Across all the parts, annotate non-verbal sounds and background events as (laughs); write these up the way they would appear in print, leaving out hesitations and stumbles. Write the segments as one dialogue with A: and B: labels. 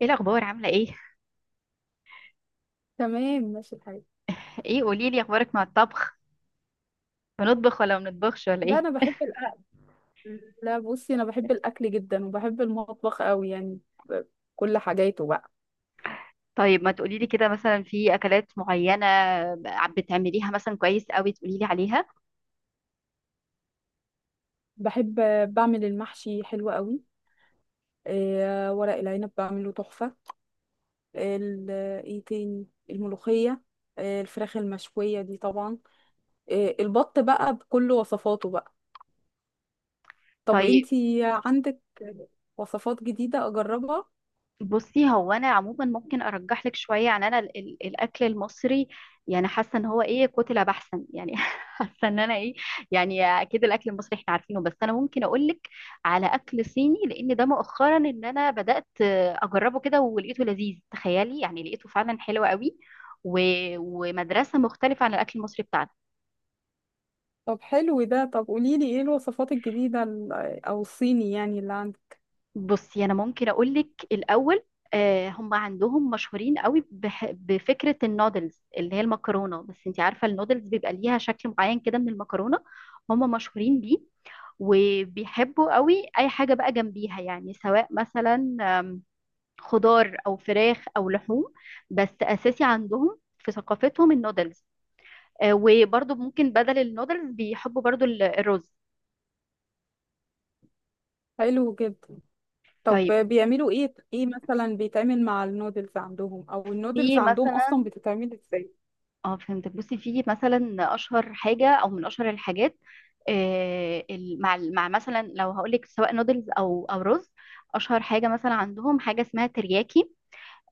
A: ايه الاخبار؟ عامله ايه؟
B: تمام، ماشي الحال.
A: ايه، قولي لي اخبارك مع الطبخ. بنطبخ ولا ما بنطبخش ولا
B: لا،
A: ايه؟
B: انا بحب الاكل. لا، بصي، انا بحب الاكل جدا وبحب المطبخ قوي يعني. ب- كل حاجاته بقى.
A: طيب، ما تقولي لي كده مثلا، في اكلات معينه بتعمليها مثلا كويس قوي تقولي لي عليها؟
B: بحب بعمل المحشي حلو قوي. آه، ورق العنب بعمله تحفة. ال- ايه تاني؟ الملوخية، آه الفراخ المشوية دي طبعا، آه البط بقى بكل وصفاته بقى. طب
A: طيب.
B: انتي عندك وصفات جديدة اجربها؟
A: بصي، هو انا عموما ممكن ارجح لك شويه، يعني انا الاكل المصري، يعني حاسه ان هو ايه، كتله بحثا يعني (laughs) حاسه ان انا ايه، يعني اكيد الاكل المصري احنا عارفينه، بس انا ممكن اقول لك على اكل صيني، لان ده مؤخرا ان انا بدات اجربه كده ولقيته لذيذ، تخيلي، يعني لقيته فعلا حلو قوي. و... ومدرسه مختلفه عن الاكل المصري بتاعنا.
B: طب حلو ده. طب قوليلي ايه الوصفات الجديدة او الصيني يعني اللي عندك؟
A: بصي، انا ممكن اقول لك الاول. هم عندهم مشهورين قوي بفكره النودلز، اللي هي المكرونه، بس انت عارفه النودلز بيبقى ليها شكل معين كده من المكرونه، هم مشهورين بيه. وبيحبوا قوي اي حاجه بقى جنبيها، يعني سواء مثلا خضار او فراخ او لحوم، بس اساسي عندهم في ثقافتهم النودلز. وبرضو ممكن بدل النودلز بيحبوا برضو الرز.
B: حلو جدا. طب
A: طيب،
B: بيعملوا ايه؟ ايه مثلا بيتعمل مع النودلز عندهم؟ او النودلز
A: في
B: عندهم اصلا
A: مثلا،
B: بتتعمل ازاي؟
A: اه فهمتك. بصي، في مثلا اشهر حاجه او من اشهر الحاجات، مع مثلا، لو هقول لك سواء نودلز او رز، اشهر حاجه مثلا عندهم حاجه اسمها ترياكي.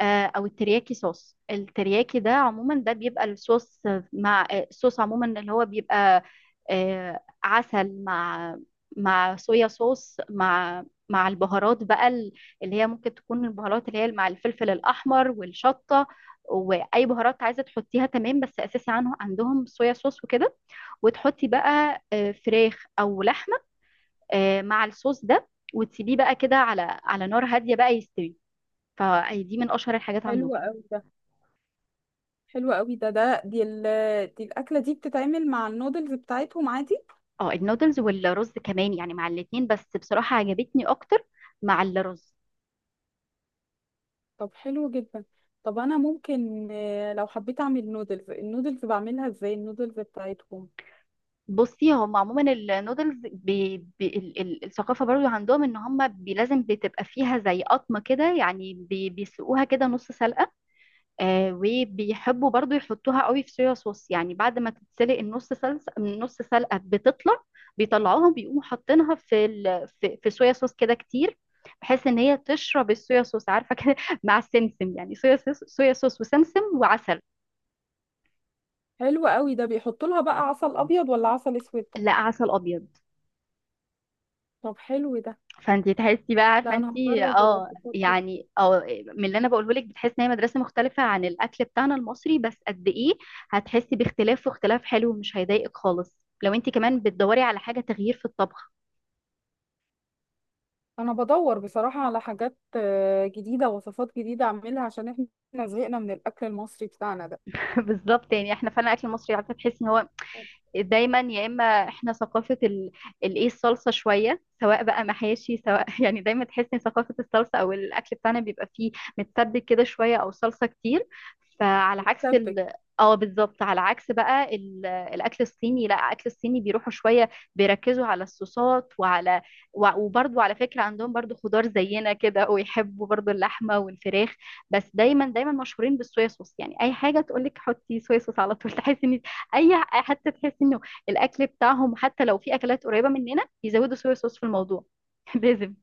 A: او الترياكي، صوص الترياكي ده عموما ده بيبقى الصوص، مع الصوص عموما، اللي هو بيبقى عسل، مع صويا صوص، مع البهارات بقى، اللي هي ممكن تكون البهارات اللي هي مع الفلفل الاحمر والشطه، واي بهارات عايزه تحطيها، تمام. بس اساسي عندهم صويا صوص وكده، وتحطي بقى فراخ او لحمه، مع الصوص ده، وتسيبيه بقى كده على نار هاديه بقى يستوي. فدي من اشهر الحاجات
B: حلو
A: عندهم.
B: قوي ده. حلو قوي ده ده دي ال دي الاكله دي بتتعمل مع النودلز بتاعتهم عادي؟
A: اه، النودلز والرز كمان، يعني مع الاتنين، بس بصراحة عجبتني اكتر مع الرز.
B: طب حلو جدا. طب انا ممكن، لو حبيت اعمل النودلز بعملها ازاي؟ النودلز بتاعتهم؟
A: بصي، هم عموما النودلز الثقافة برضو عندهم ان هم، بي لازم بتبقى فيها زي قطمة كده، يعني بيسلقوها كده نص سلقة. آه، وبيحبوا برضو يحطوها قوي في صويا صوص، يعني بعد ما تتسلق النص سلقة، بتطلع بيطلعوها، بيقوموا حاطينها في صويا صوص كده كتير، بحيث ان هي تشرب الصويا صوص، عارفة كده (laughs) مع السمسم، يعني صويا صوص صويا صوص وسمسم وعسل.
B: حلو قوي ده. بيحطوا لها بقى عسل ابيض ولا عسل اسود؟
A: لا، عسل ابيض.
B: طب حلو ده.
A: فانتي تحسي بقى، عارفه
B: لا، انا
A: انتي،
B: هجرب
A: اه
B: الوصفات دي.
A: يعني اه، من اللي انا بقوله لك بتحسي ان هي مدرسه مختلفه عن الاكل بتاعنا المصري، بس قد ايه هتحسي باختلاف، واختلاف حلو ومش هيضايقك خالص، لو انتي كمان بتدوري على حاجه تغيير في الطبخ.
B: انا بدور بصراحة على حاجات جديدة، وصفات جديدة اعملها عشان احنا زهقنا من الاكل المصري بتاعنا ده.
A: (laughs) بالظبط، يعني احنا فعلا الاكل المصري، عارفه تحسي ان هو دايما، يا اما احنا ثقافه الايه، الصلصه شويه، سواء بقى محاشي سواء (laughs) يعني دايما تحس ان ثقافه الصلصه، او الاكل بتاعنا بيبقى فيه متسبك كده شويه او صلصه كتير. فعلى عكس
B: متسبك.
A: اه، بالظبط، على عكس بقى الاكل الصيني. لا، الاكل الصيني بيروحوا شويه بيركزوا على الصوصات، وبرضو على فكره عندهم برضو خضار زينا كده، ويحبوا برضو اللحمه والفراخ، بس دايما دايما مشهورين بالصويا صوص. يعني اي حاجه تقولك حطي صويا صوص على طول، تحسي ان اي، حتى تحس انه الاكل بتاعهم حتى لو في اكلات قريبه مننا بيزودوا صويا صوص في الموضوع (laughs) لازم.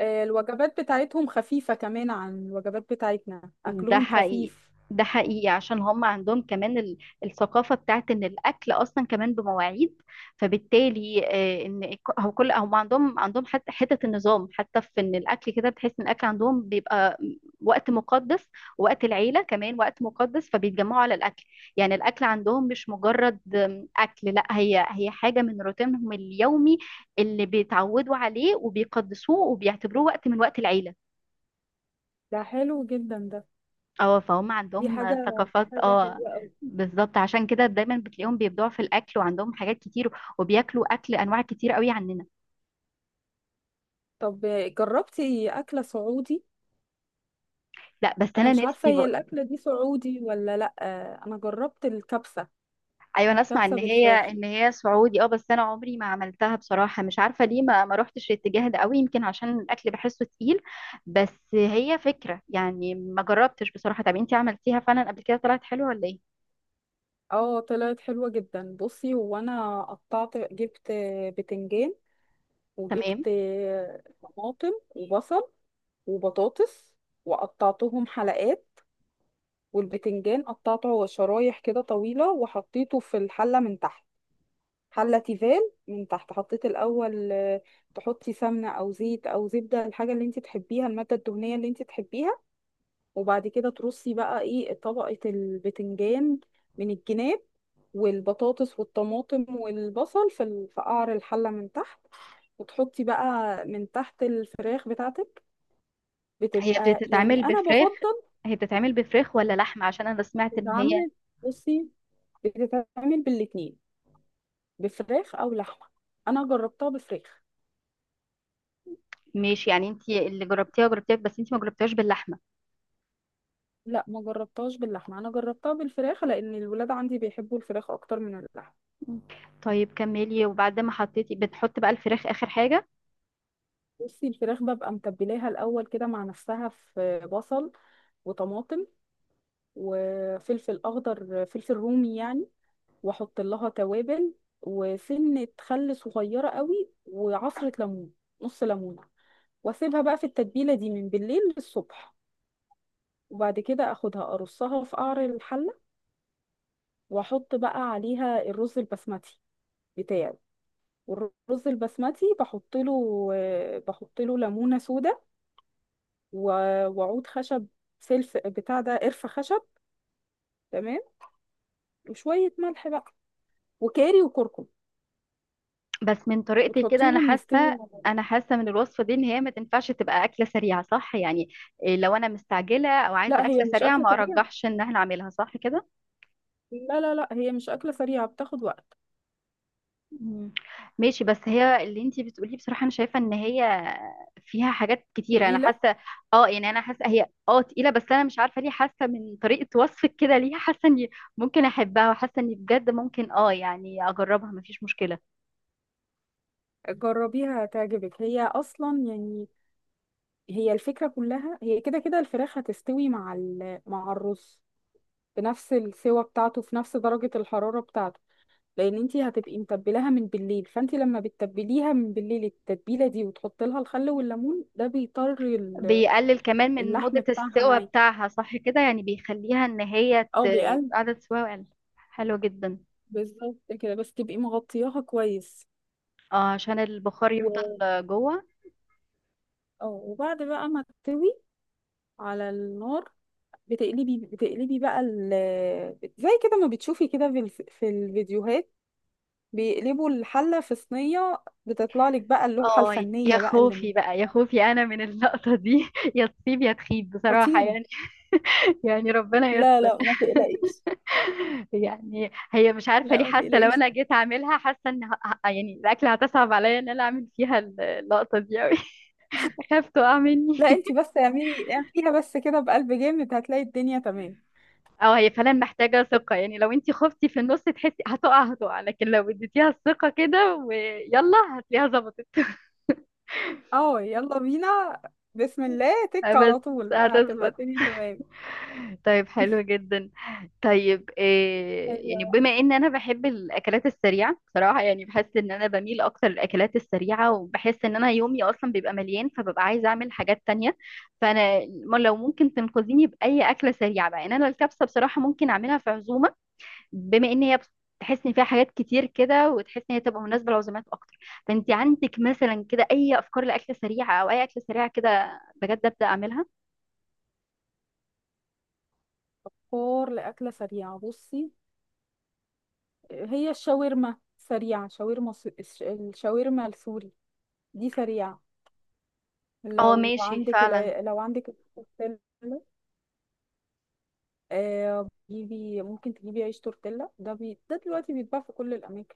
B: الوجبات بتاعتهم خفيفة كمان عن الوجبات بتاعتنا،
A: ده
B: اكلهم
A: حقيقي،
B: خفيف.
A: ده حقيقي، عشان هم عندهم كمان الثقافة بتاعت ان الاكل اصلا كمان بمواعيد. فبالتالي هو كل، هم عندهم حتى حتة النظام، حتى في ان الاكل كده، بتحس ان الاكل عندهم بيبقى وقت مقدس، وقت العيلة كمان وقت مقدس، فبيتجمعوا على الاكل. يعني الاكل عندهم مش مجرد اكل، لا، هي حاجة من روتينهم اليومي، اللي بيتعودوا عليه وبيقدسوه وبيعتبروه وقت من وقت العيلة.
B: ده حلو جدا ده.
A: اه، فهم
B: دي
A: عندهم
B: حاجة
A: ثقافات،
B: حاجة
A: اه
B: حلوة قوي.
A: بالظبط. عشان كده دايما بتلاقيهم بيبدعوا في الاكل وعندهم حاجات كتير، وبياكلوا اكل انواع كتير قوي عننا.
B: طب جربتي اكلة سعودي؟
A: لا، بس
B: انا
A: انا
B: مش عارفة
A: نفسي
B: هي
A: بقى.
B: الاكلة دي سعودي ولا لا. انا جربت الكبسة.
A: ايوه، انا اسمع
B: كبسة
A: ان هي
B: بالفراخ.
A: ان هي سعودي، اه. بس انا عمري ما عملتها بصراحه، مش عارفه ليه ما روحتش الاتجاه ده قوي، يمكن عشان الاكل بحسه تقيل. بس هي فكره، يعني ما جربتش بصراحه. طب انتي عملتيها فعلا قبل كده؟ طلعت حلوه ولا ايه؟
B: اه، طلعت حلوة جدا. بصي هو، انا قطعت، جبت بتنجان،
A: تمام.
B: وجبت طماطم وبصل وبطاطس، وقطعتهم حلقات. والبتنجان قطعته شرايح كده طويلة وحطيته في الحلة من تحت. حلة تيفال، من تحت حطيت الأول تحطي سمنة أو زيت أو زبدة، الحاجة اللي انت تحبيها، المادة الدهنية اللي انت تحبيها. وبعد كده ترصي بقى ايه، طبقة البتنجان من الجناب، والبطاطس والطماطم والبصل في قعر الحلة من تحت. وتحطي بقى من تحت الفراخ بتاعتك.
A: هي
B: بتبقى يعني،
A: بتتعمل
B: انا
A: بفراخ
B: بفضل.
A: هي بتتعمل بفراخ ولا لحمه؟ عشان انا سمعت ان هي.
B: تتعمل. بصي، بتتعمل بالاتنين، بفراخ او لحمه. انا جربتها بفراخ.
A: ماشي، يعني انت اللي جربتيها جربتيها، بس انت ما جربتيهاش باللحمه.
B: لا، ما جربتهاش باللحمه. انا جربتها بالفراخ لان الولاد عندي بيحبوا الفراخ اكتر من اللحمه.
A: مم. طيب، كملي. وبعد ما حطيتي، بنحط بقى الفراخ اخر حاجه؟
B: بصي الفراخ ببقى متبلاها الاول كده مع نفسها في بصل وطماطم وفلفل اخضر، فلفل رومي يعني، واحط لها توابل، وسنه خل صغيره قوي، وعصره ليمون، نص ليمونه. واسيبها بقى في التتبيله دي من بالليل للصبح. وبعد كده اخدها، ارصها في قعر الحله، واحط بقى عليها الرز البسمتي بتاعي. والرز البسمتي بحط له ليمونه سودا، وعود خشب، سلف بتاع ده، قرفه خشب، تمام، وشويه ملح بقى، وكاري وكركم،
A: بس من طريقتك كده انا
B: وتحطيهم
A: حاسه،
B: يستووا.
A: انا حاسه من الوصفه دي ان هي ما تنفعش تبقى اكله سريعه، صح يعني؟ إيه، لو انا مستعجله او عايزه
B: لا،
A: اكله
B: هي مش
A: سريعه
B: اكله
A: ما
B: سريعه.
A: ارجحش ان احنا اعملها، صح كده؟
B: لا، لا، لا، هي مش اكله سريعه، بتاخد وقت.
A: مم. ماشي، بس هي اللي انتي بتقوليه بصراحة انا شايفة ان هي فيها حاجات كتيرة، انا
B: تقيله.
A: حاسة، اه يعني انا حاسة هي، اه تقيلة، بس انا مش عارفة ليه حاسة من طريقة وصفك كده ليها، حاسة اني ممكن احبها، وحاسة اني بجد ممكن، اه يعني اجربها مفيش مشكلة.
B: جربيها هتعجبك. هي اصلا يعني، هي الفكرة كلها، هي كده كده، الفراخ هتستوي مع الرز بنفس السوى بتاعته، في نفس درجة الحرارة بتاعته، لأن انتي هتبقي متبلاها من بالليل. فانتي لما بتتبليها من بالليل التتبيلة دي وتحطي لها الخل والليمون، ده
A: بيقلل كمان من
B: اللحم
A: مدة
B: بتاعها
A: السوا
B: معاكي،
A: بتاعها، صح كده، يعني بيخليها ان هي
B: او بيقل.
A: عدد سواها يقل. حلو جدا.
B: بالظبط كده، بس تبقي مغطياها كويس،
A: اه، عشان البخار يفضل
B: و.
A: جوه.
B: اه، وبعد بقى ما تستوي على النار، بتقلبي بقى زي كده ما بتشوفي كده في الفيديوهات، بيقلبوا الحلة في صينية، بتطلع لك بقى اللوحة
A: اه، يا
B: الفنية بقى
A: خوفي بقى، يا خوفي انا من اللقطة دي (laughs) يا تصيب يا تخيب بصراحة
B: خطيرة.
A: يعني. (laughs) يعني ربنا
B: لا،
A: يستر.
B: لا، ما تقلقيش.
A: (laughs) يعني هي، مش عارفة ليه
B: لا، ما
A: حاسة لو
B: تقلقيش.
A: انا جيت اعملها، حاسة ان يعني الاكل هتصعب عليا ان انا اعمل فيها اللقطة دي اوي (laughs) اخاف تقع مني
B: لا،
A: (laughs)
B: انتي بس اعملي، اعمليها بس كده، بقلب جامد هتلاقي الدنيا تمام.
A: او هي فعلا محتاجة ثقة، يعني لو انتي خفتي في النص تحسي هتقع هتقع، لكن لو اديتيها الثقة كده ويلا هتلاقيها ظبطت.
B: اه، يلا بينا. بسم الله،
A: (laughs)
B: تك
A: بس
B: على طول هتبقى
A: هتظبط.
B: الدنيا تمام.
A: طيب حلو جدا. طيب إيه، يعني
B: حلوة.
A: بما ان انا بحب الاكلات السريعه بصراحه، يعني بحس ان انا بميل اكتر للاكلات السريعه، وبحس ان انا يومي اصلا بيبقى مليان، فببقى عايزه اعمل حاجات تانية. فانا لو ممكن تنقذيني باي اكله سريعه بقى. يعني انا الكبسه بصراحه ممكن اعملها في عزومه، بما ان هي تحس ان فيها حاجات كتير كده، وتحس ان هي تبقى مناسبه لعزومات اكتر. فانت عندك مثلا كده اي افكار لاكله سريعه، او اي اكله سريعه كده بجد ابدا اعملها؟
B: فطار لأكلة سريعة، بصي هي الشاورما سريعة. الشاورما السوري دي سريعة.
A: اه
B: لو
A: ماشي
B: عندك
A: فعلا.
B: لو عندك، تجيبي، ممكن تجيبي عيش تورتيلا، ده دلوقتي بيتباع في كل الاماكن.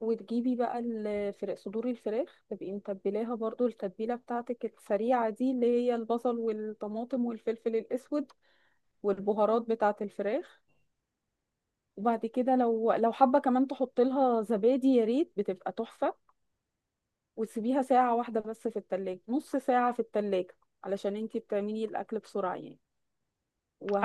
B: وتجيبي بقى الفراخ، صدور الفراخ تبقي متبلاها برضو التتبيله بتاعتك السريعه دي اللي هي البصل والطماطم والفلفل الاسود والبهارات بتاعه الفراخ. وبعد كده لو حابه كمان تحط لها زبادي، يا ريت، بتبقى تحفه. وتسيبيها ساعه واحده بس في التلاجة، نص ساعه في التلاجة علشان انتي بتعملي الاكل بسرعه يعني،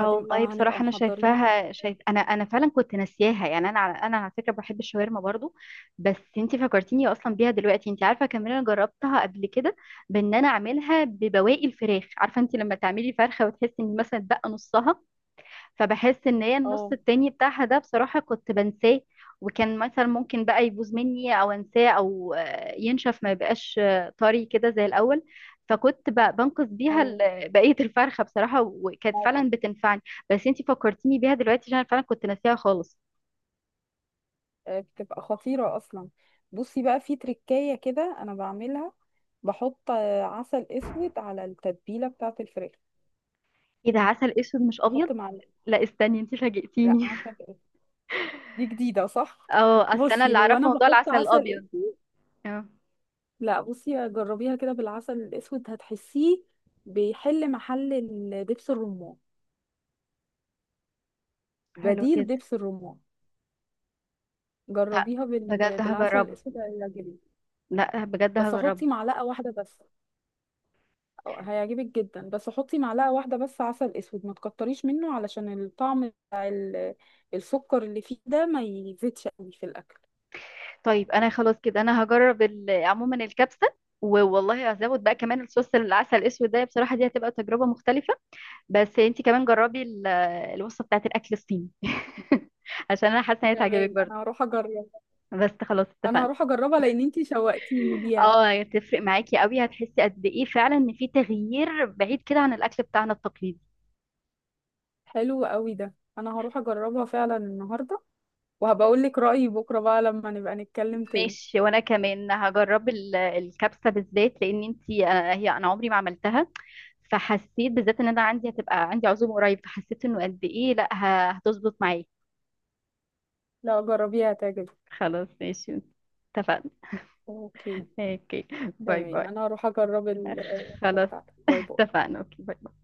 A: اه والله
B: هنبقى
A: بصراحة، أنا
B: محضرين.
A: شايفاها، شايف، أنا فعلا كنت ناسياها، يعني، أنا على فكرة بحب الشاورما برضو. بس أنتي فكرتيني أصلا بيها دلوقتي. أنتي عارفة كمان، أنا جربتها قبل كده، بإن أنا أعملها ببواقي الفراخ. عارفة أنتي لما تعملي فرخة وتحسي إن مثلا اتبقى نصها، فبحس ان هي النص
B: اه،
A: التاني بتاعها ده بصراحة كنت بنساه، وكان مثلا ممكن بقى يبوظ مني او انساه، او ينشف ما يبقاش طري كده زي الاول. فكنت بنقص بيها
B: ايوه،
A: بقية الفرخة بصراحة، وكانت فعلا بتنفعني. بس انتي فكرتيني بيها دلوقتي، عشان أنا فعلا كنت ناسيها خالص.
B: بتبقى خطيرة أصلا. بصي بقى، في تركاية كده أنا بعملها، بحط عسل أسود على التتبيلة بتاعة الفراخ.
A: ايه ده، عسل اسود مش ابيض؟
B: أحط معلقة.
A: لا، استني، انتي
B: لا،
A: فاجئتيني.
B: عسل أسود. دي جديدة، صح؟
A: (laughs) اه، اصل انا
B: بصي
A: اللي
B: هو أنا
A: اعرفه موضوع
B: بحط
A: العسل
B: عسل
A: الابيض.
B: أسود.
A: اه.
B: لا، بصي جربيها كده بالعسل الأسود، هتحسيه بيحل محل دبس الرمان،
A: حلو
B: بديل
A: جدا.
B: دبس الرمان. جربيها
A: بجد
B: بالعسل
A: هجربها.
B: الأسود هيعجبك.
A: لا، بجد
B: بس
A: هجربها.
B: حطي معلقة واحدة بس. هيعجبك جدا. بس حطي معلقة واحدة بس عسل اسود ما تكتريش منه علشان الطعم بتاع السكر اللي فيه ده ما يزيدش قوي في الاكل.
A: طيب انا خلاص كده، انا هجرب عموما الكبسه، والله هزود بقى كمان الصوص، العسل الاسود ده بصراحه، دي هتبقى تجربه مختلفه. بس انت كمان جربي الوصفه بتاعت الاكل الصيني (laughs) عشان انا حاسه ان هي تعجبك
B: تمام،
A: برضه.
B: انا هروح اجربها.
A: بس خلاص
B: انا
A: اتفقنا.
B: هروح اجربها لان انتي شوقتيني ليها.
A: اه، هتفرق معاكي قوي، هتحسي قد ايه فعلا ان في تغيير بعيد كده عن الاكل بتاعنا التقليدي.
B: حلو قوي ده. انا هروح اجربها فعلا النهارده، وهبقى اقول لك رأيي بكره بقى لما نبقى نتكلم تاني.
A: ماشي. وانا كمان هجرب الكبسه بالذات، لان انت هي، انا عمري ما عملتها. فحسيت بالذات ان انا عندي هتبقى عندي عزومه قريب، فحسيت انه قد ايه، لا هتظبط معايا.
B: لو جربيها هتعجبك.
A: خلاص ماشي. اتفقنا.
B: اوكي،
A: اوكي. باي
B: تمام.
A: باي.
B: انا هروح اجرب
A: خلاص
B: بتاعتك.
A: (laughs)
B: باي باي.
A: اتفقنا. اوكي. باي.